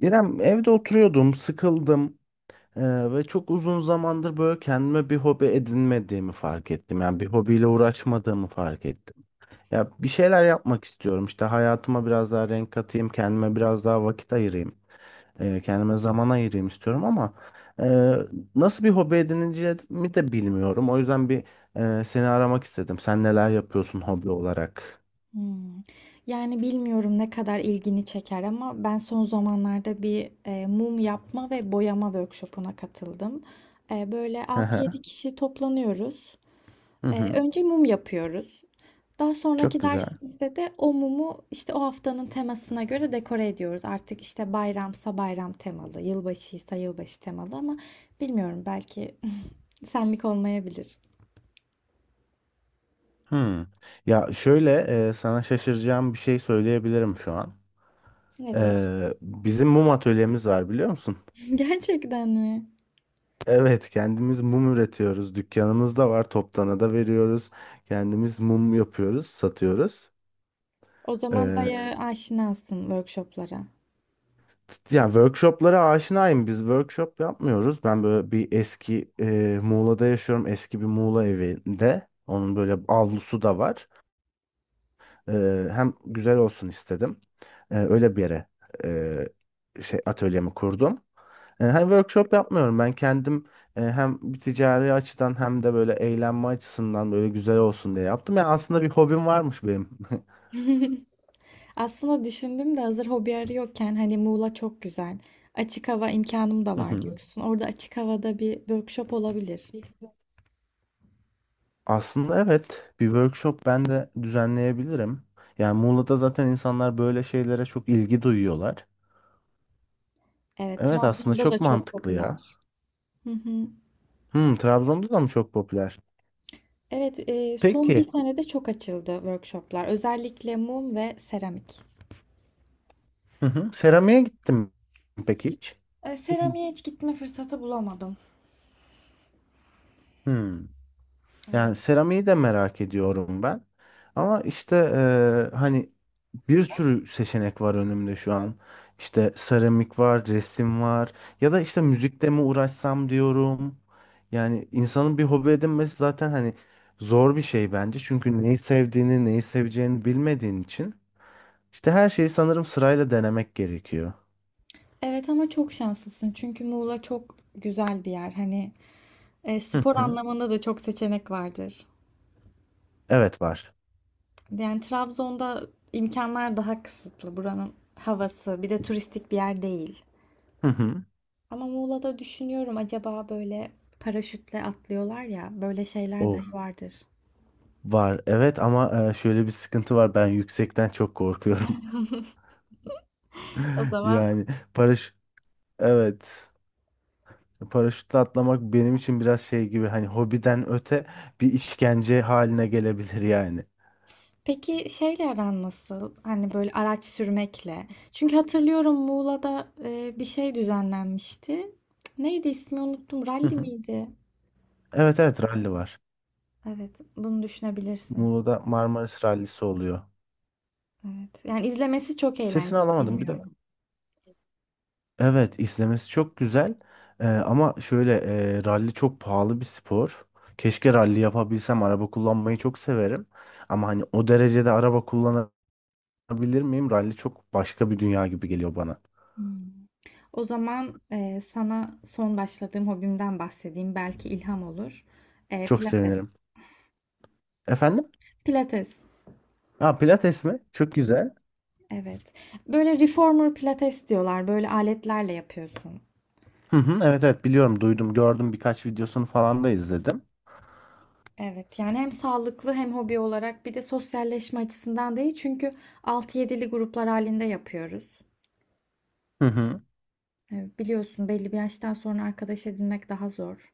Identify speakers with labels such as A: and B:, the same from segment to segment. A: İrem, evde oturuyordum, sıkıldım ve çok uzun zamandır böyle kendime bir hobi edinmediğimi fark ettim. Yani bir hobiyle uğraşmadığımı fark ettim. Ya, bir şeyler yapmak istiyorum. İşte, hayatıma biraz daha renk katayım, kendime biraz daha vakit ayırayım, kendime zaman ayırayım istiyorum ama eee, nasıl bir hobi edineceğimi de bilmiyorum. O yüzden bir seni aramak istedim. Sen neler yapıyorsun hobi olarak?
B: Hımm. Yani bilmiyorum ne kadar ilgini çeker ama ben son zamanlarda mum yapma ve boyama workshop'una katıldım. Böyle
A: Hı
B: altı
A: hı.
B: yedi kişi toplanıyoruz.
A: Hı hı.
B: Önce mum yapıyoruz. Daha
A: Çok
B: sonraki
A: güzel.
B: dersimizde de o mumu, işte, o haftanın temasına göre dekore ediyoruz. Artık, işte, bayramsa bayram temalı, yılbaşıysa yılbaşı temalı ama bilmiyorum belki senlik olmayabilir.
A: Hmm. Ya şöyle, sana şaşıracağım bir şey söyleyebilirim şu an.
B: Nedir?
A: Bizim mum atölyemiz var, biliyor musun?
B: Gerçekten mi?
A: Evet, kendimiz mum üretiyoruz. Dükkanımız da var. Toptana da veriyoruz. Kendimiz mum yapıyoruz, satıyoruz.
B: O zaman
A: Ee,
B: bayağı aşinasın workshoplara.
A: yani workshoplara aşinayım. Biz workshop yapmıyoruz. Ben böyle bir eski, Muğla'da yaşıyorum. Eski bir Muğla evinde. Onun böyle avlusu da var. Hem güzel olsun istedim. Öyle bir yere atölyemi kurdum. Hem workshop yapmıyorum ben kendim, hem bir ticari açıdan hem de böyle eğlenme açısından böyle güzel olsun diye yaptım. Yani aslında bir hobim varmış benim.
B: Aslında düşündüm de hazır hobi arıyorken hani Muğla çok güzel. Açık hava imkanım da
A: Hı
B: var
A: hı.
B: diyorsun. Orada açık havada bir workshop olabilir.
A: Aslında evet, bir workshop ben de düzenleyebilirim. Yani Muğla'da zaten insanlar böyle şeylere çok ilgi duyuyorlar.
B: Evet,
A: Evet, aslında
B: Trabzon'da
A: çok
B: da çok
A: mantıklı ya.
B: popüler. Hı hı.
A: Hmm, Trabzon'da da mı çok popüler?
B: Evet, son bir
A: Peki.
B: senede çok açıldı workshoplar. Özellikle mum ve seramik.
A: Hı hı. Seramiğe gittim peki hiç? Hı hı.
B: Seramiğe hiç gitme fırsatı bulamadım.
A: Hmm. Yani
B: Evet.
A: seramiği de merak ediyorum ben. Ama işte, hani bir sürü seçenek var önümde şu an. İşte seramik var, resim var. Ya da işte müzikle mi uğraşsam diyorum. Yani insanın bir hobi edinmesi zaten hani zor bir şey bence. Çünkü neyi sevdiğini, neyi seveceğini bilmediğin için. İşte her şeyi sanırım sırayla denemek gerekiyor.
B: Evet ama çok şanslısın çünkü Muğla çok güzel bir yer. Hani
A: Hı
B: spor
A: hı.
B: anlamında da çok seçenek vardır.
A: Evet var.
B: Yani Trabzon'da imkanlar daha kısıtlı. Buranın havası, bir de turistik bir yer değil.
A: Hı
B: Ama Muğla'da düşünüyorum acaba böyle paraşütle atlıyorlar ya, böyle şeyler
A: hı.
B: dahi vardır.
A: Var evet, ama şöyle bir sıkıntı var, ben yüksekten çok korkuyorum.
B: O zaman
A: Yani paraş evet, paraşütle atlamak benim için biraz şey gibi, hani hobiden öte bir işkence haline gelebilir yani.
B: peki şeyle aran nasıl? Hani böyle araç sürmekle. Çünkü hatırlıyorum Muğla'da bir şey düzenlenmişti. Neydi ismi unuttum.
A: Hı
B: Rally
A: hı.
B: miydi?
A: Evet evet, ralli var.
B: Evet, bunu düşünebilirsin.
A: Muğla'da Marmaris rallisi oluyor.
B: Evet. Yani izlemesi çok
A: Sesini
B: eğlenceli,
A: alamadım bir de.
B: bilmiyorum.
A: Evet, izlemesi çok güzel. Ama şöyle, ralli çok pahalı bir spor. Keşke ralli yapabilsem, araba kullanmayı çok severim. Ama hani o derecede araba kullanabilirim. Bilir miyim? Rally çok başka bir dünya gibi geliyor bana.
B: Hmm. O zaman sana son başladığım hobimden bahsedeyim. Belki ilham olur.
A: Çok
B: Pilates.
A: sevinirim. Efendim?
B: Pilates.
A: Ha, Pilates mi? Çok güzel.
B: Evet. Böyle reformer pilates diyorlar. Böyle aletlerle yapıyorsun.
A: Hı hı, evet evet, biliyorum, duydum, gördüm, birkaç videosunu falan da izledim.
B: Evet. Yani hem sağlıklı hem hobi olarak bir de sosyalleşme açısından değil. Çünkü altı yedili gruplar halinde yapıyoruz.
A: Hı hı.
B: Biliyorsun belli bir yaştan sonra arkadaş edinmek daha zor.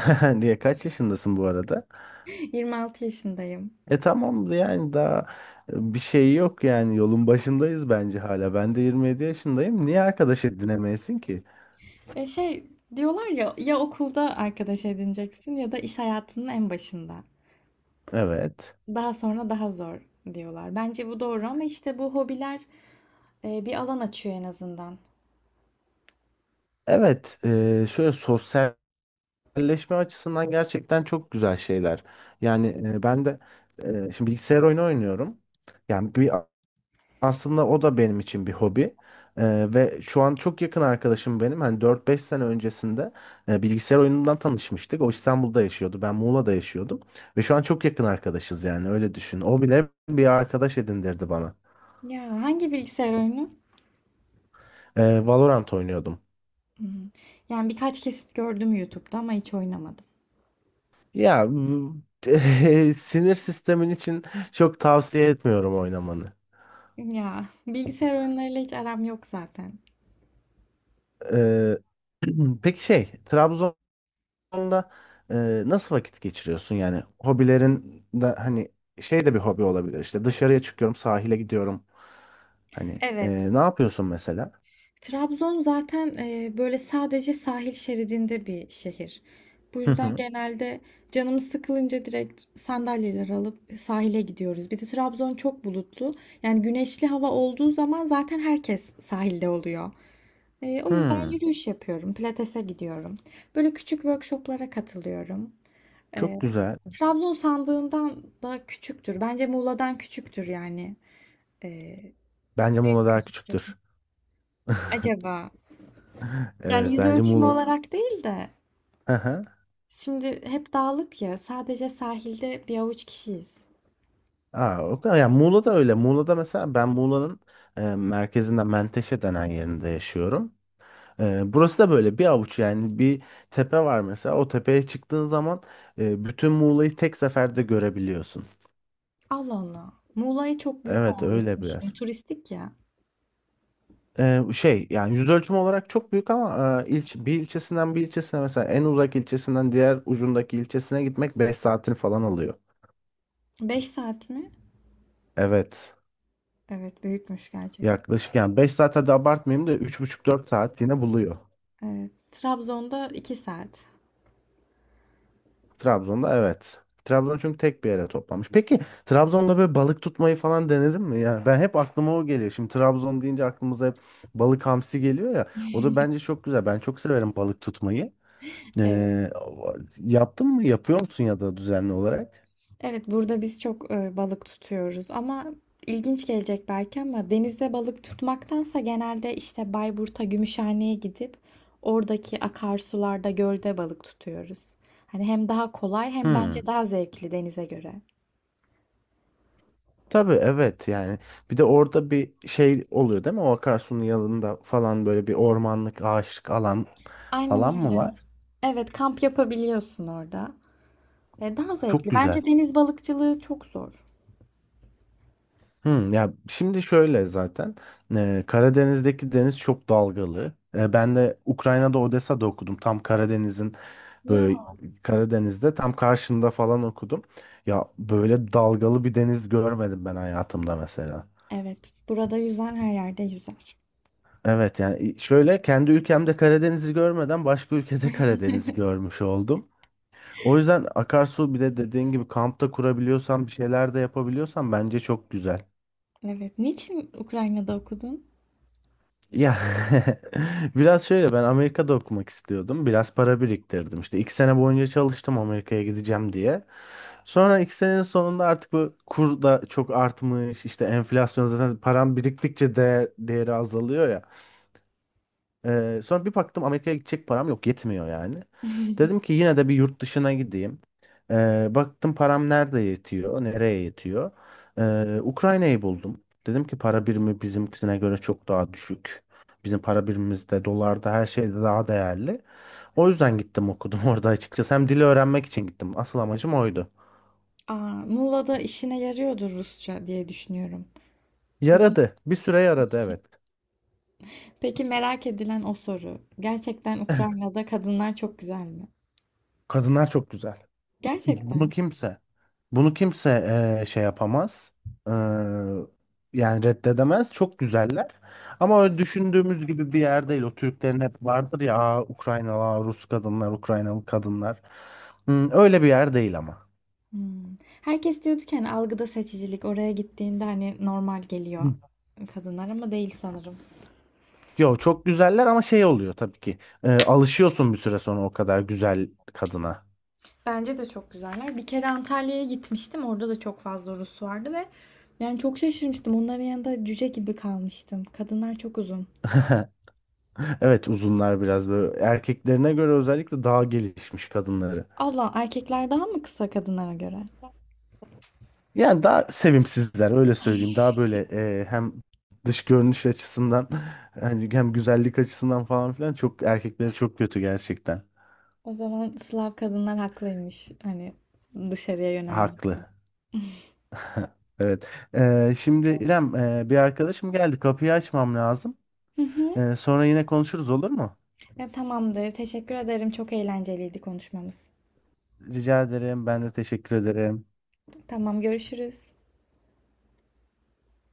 A: Diye kaç yaşındasın bu arada?
B: 26 yaşındayım.
A: Tamam, yani daha bir şey yok yani, yolun başındayız bence hala. Ben de 27 yaşındayım. Niye arkadaş edinemeyesin ki?
B: Şey diyorlar ya ya okulda arkadaş edineceksin ya da iş hayatının en başında.
A: Evet.
B: Daha sonra daha zor diyorlar. Bence bu doğru ama işte bu hobiler bir alan açıyor en azından.
A: Evet, şöyle sosyalleşme açısından gerçekten çok güzel şeyler. Yani ben de şimdi bilgisayar oyunu oynuyorum. Yani bir, aslında o da benim için bir hobi. Ve şu an çok yakın arkadaşım benim. Hani dört beş sene öncesinde bilgisayar oyunundan tanışmıştık. O İstanbul'da yaşıyordu. Ben Muğla'da yaşıyordum. Ve şu an çok yakın arkadaşız, yani öyle düşün. O bile bir arkadaş edindirdi bana.
B: Ya hangi bilgisayar oyunu?
A: Valorant oynuyordum.
B: Hmm, yani birkaç kesit gördüm YouTube'da ama hiç oynamadım.
A: Ya sinir sistemin için çok tavsiye etmiyorum oynamanı.
B: Ya bilgisayar oyunlarıyla hiç aram yok zaten.
A: Ee, peki şey, Trabzon'da nasıl vakit geçiriyorsun yani? Hobilerin de, hani şey de bir hobi olabilir, işte dışarıya çıkıyorum, sahile gidiyorum. Hani,
B: Evet,
A: ne yapıyorsun mesela?
B: Trabzon zaten böyle sadece sahil şeridinde bir şehir. Bu
A: Hı
B: yüzden
A: hı.
B: genelde canımız sıkılınca direkt sandalyeler alıp sahile gidiyoruz. Bir de Trabzon çok bulutlu. Yani güneşli hava olduğu zaman zaten herkes sahilde oluyor. O yüzden
A: Hmm,
B: yürüyüş yapıyorum, pilatese gidiyorum. Böyle küçük workshoplara katılıyorum.
A: çok
B: E,
A: güzel.
B: Trabzon sandığından da küçüktür. Bence Muğla'dan küçüktür yani. E,
A: Bence Muğla daha
B: Gözükse
A: küçüktür.
B: acaba? Yani
A: Evet,
B: yüz
A: bence
B: ölçümü
A: Muğla.
B: olarak değil de.
A: Hı hı.
B: Şimdi hep dağlık ya, sadece sahilde bir avuç kişiyiz.
A: Aa, o kadar. Yani Muğla da öyle. Muğla'da mesela ben, Muğla'nın merkezinden Menteşe denen yerinde yaşıyorum. Burası da böyle bir avuç, yani bir tepe var mesela, o tepeye çıktığın zaman bütün Muğla'yı tek seferde görebiliyorsun.
B: Allah Allah. Muğla'yı çok büyük
A: Evet,
B: hayal
A: öyle bir
B: etmiştim.
A: yer.
B: Turistik ya.
A: Şey yani yüz ölçümü olarak çok büyük ama bir ilçesinden bir ilçesine, mesela en uzak ilçesinden diğer ucundaki ilçesine gitmek 5 saatini falan alıyor.
B: 5 saat mi?
A: Evet,
B: Evet, büyükmüş gerçekten.
A: yaklaşık yani 5 saat, hadi abartmayayım da 3,5 4 saat yine buluyor.
B: Evet. Trabzon'da 2 saat.
A: Trabzon'da evet. Trabzon çünkü tek bir yere toplamış. Peki Trabzon'da böyle balık tutmayı falan denedin mi? Yani ben, hep aklıma o geliyor. Şimdi Trabzon deyince aklımıza hep balık, hamsi geliyor ya. O da bence çok güzel. Ben çok severim balık tutmayı.
B: Evet.
A: Ee, yaptın mı? Yapıyor musun ya da düzenli olarak?
B: Evet, burada biz çok balık tutuyoruz ama ilginç gelecek belki ama denizde balık tutmaktansa genelde işte Bayburt'a, Gümüşhane'ye gidip oradaki akarsularda, gölde balık tutuyoruz. Hani hem daha kolay hem
A: Hmm.
B: bence daha zevkli denize göre.
A: Tabii, evet yani. Bir de orada bir şey oluyor değil mi? O akarsunun yanında falan böyle bir ormanlık, ağaçlık alan
B: Aynen
A: falan mı
B: öyle.
A: var?
B: Evet, kamp yapabiliyorsun orada. Daha
A: Çok
B: zevkli.
A: güzel.
B: Bence deniz balıkçılığı çok zor.
A: Hmm, ya şimdi şöyle, zaten Karadeniz'deki deniz çok dalgalı. Ben de Ukrayna'da, Odessa'da okudum. Tam Karadeniz'in
B: Ya
A: böyle, Karadeniz'de tam karşında falan okudum. Ya böyle dalgalı bir deniz görmedim ben hayatımda mesela.
B: evet, burada yüzen her yerde yüzer.
A: Evet, yani şöyle, kendi ülkemde Karadeniz'i görmeden başka ülkede Karadeniz'i görmüş oldum. O yüzden akarsu, bir de dediğin gibi kampta kurabiliyorsan, bir şeyler de yapabiliyorsan bence çok güzel.
B: Evet, niçin Ukrayna'da okudun?
A: Ya biraz şöyle, ben Amerika'da okumak istiyordum. Biraz para biriktirdim. İşte 2 sene boyunca çalıştım, Amerika'ya gideceğim diye. Sonra 2 senenin sonunda artık bu kur da çok artmış. İşte enflasyon, zaten param biriktikçe değer, değeri azalıyor ya. Sonra bir baktım Amerika'ya gidecek param yok, yetmiyor yani. Dedim ki, yine de bir yurt dışına gideyim. Baktım param nerede yetiyor, nereye yetiyor. Ukrayna'yı buldum. Dedim ki para birimi bizimkisine göre çok daha düşük. Bizim para birimimizde, dolarda, her şeyde daha değerli. O yüzden gittim okudum orada, açıkçası. Hem dili öğrenmek için gittim. Asıl amacım oydu.
B: Aa, Muğla'da işine yarıyordur Rusça diye düşünüyorum. Ya da
A: Yaradı. Bir süre yaradı, evet.
B: peki merak edilen o soru. Gerçekten Ukrayna'da kadınlar çok güzel mi?
A: Kadınlar çok güzel. Bunu
B: Gerçekten.
A: kimse. Bunu kimse, şey yapamaz. Eee, yani reddedemez. Çok güzeller. Ama öyle düşündüğümüz gibi bir yer değil. O Türklerin hep vardır ya, "Aa, Ukraynalı, aa, Rus kadınlar, Ukraynalı kadınlar." Hmm, öyle bir yer değil ama.
B: Hmm. Herkes diyordu ki hani algıda seçicilik oraya gittiğinde hani normal geliyor
A: Hı.
B: kadınlar ama değil sanırım.
A: Yo, çok güzeller, ama şey oluyor tabii ki. Alışıyorsun bir süre sonra o kadar güzel kadına.
B: Bence de çok güzeller. Bir kere Antalya'ya gitmiştim. Orada da çok fazla Rus vardı ve yani çok şaşırmıştım. Onların yanında cüce gibi kalmıştım. Kadınlar çok uzun.
A: Evet, uzunlar biraz böyle. Erkeklerine göre özellikle daha gelişmiş kadınları.
B: Allah erkekler daha mı kısa kadınlara göre?
A: Yani daha sevimsizler, öyle söyleyeyim. Daha böyle, hem dış görünüş açısından hani, hem güzellik açısından falan filan çok, erkekleri çok kötü gerçekten.
B: O zaman Slav kadınlar haklıymış. Hani dışarıya
A: Haklı.
B: yönelmekte.
A: Evet. Şimdi İrem, bir arkadaşım geldi. Kapıyı açmam lazım.
B: Hı hı.
A: Sonra yine konuşuruz, olur mu?
B: Ya, tamamdır. Teşekkür ederim. Çok eğlenceliydi konuşmamız.
A: Rica ederim. Ben de teşekkür ederim.
B: Tamam görüşürüz.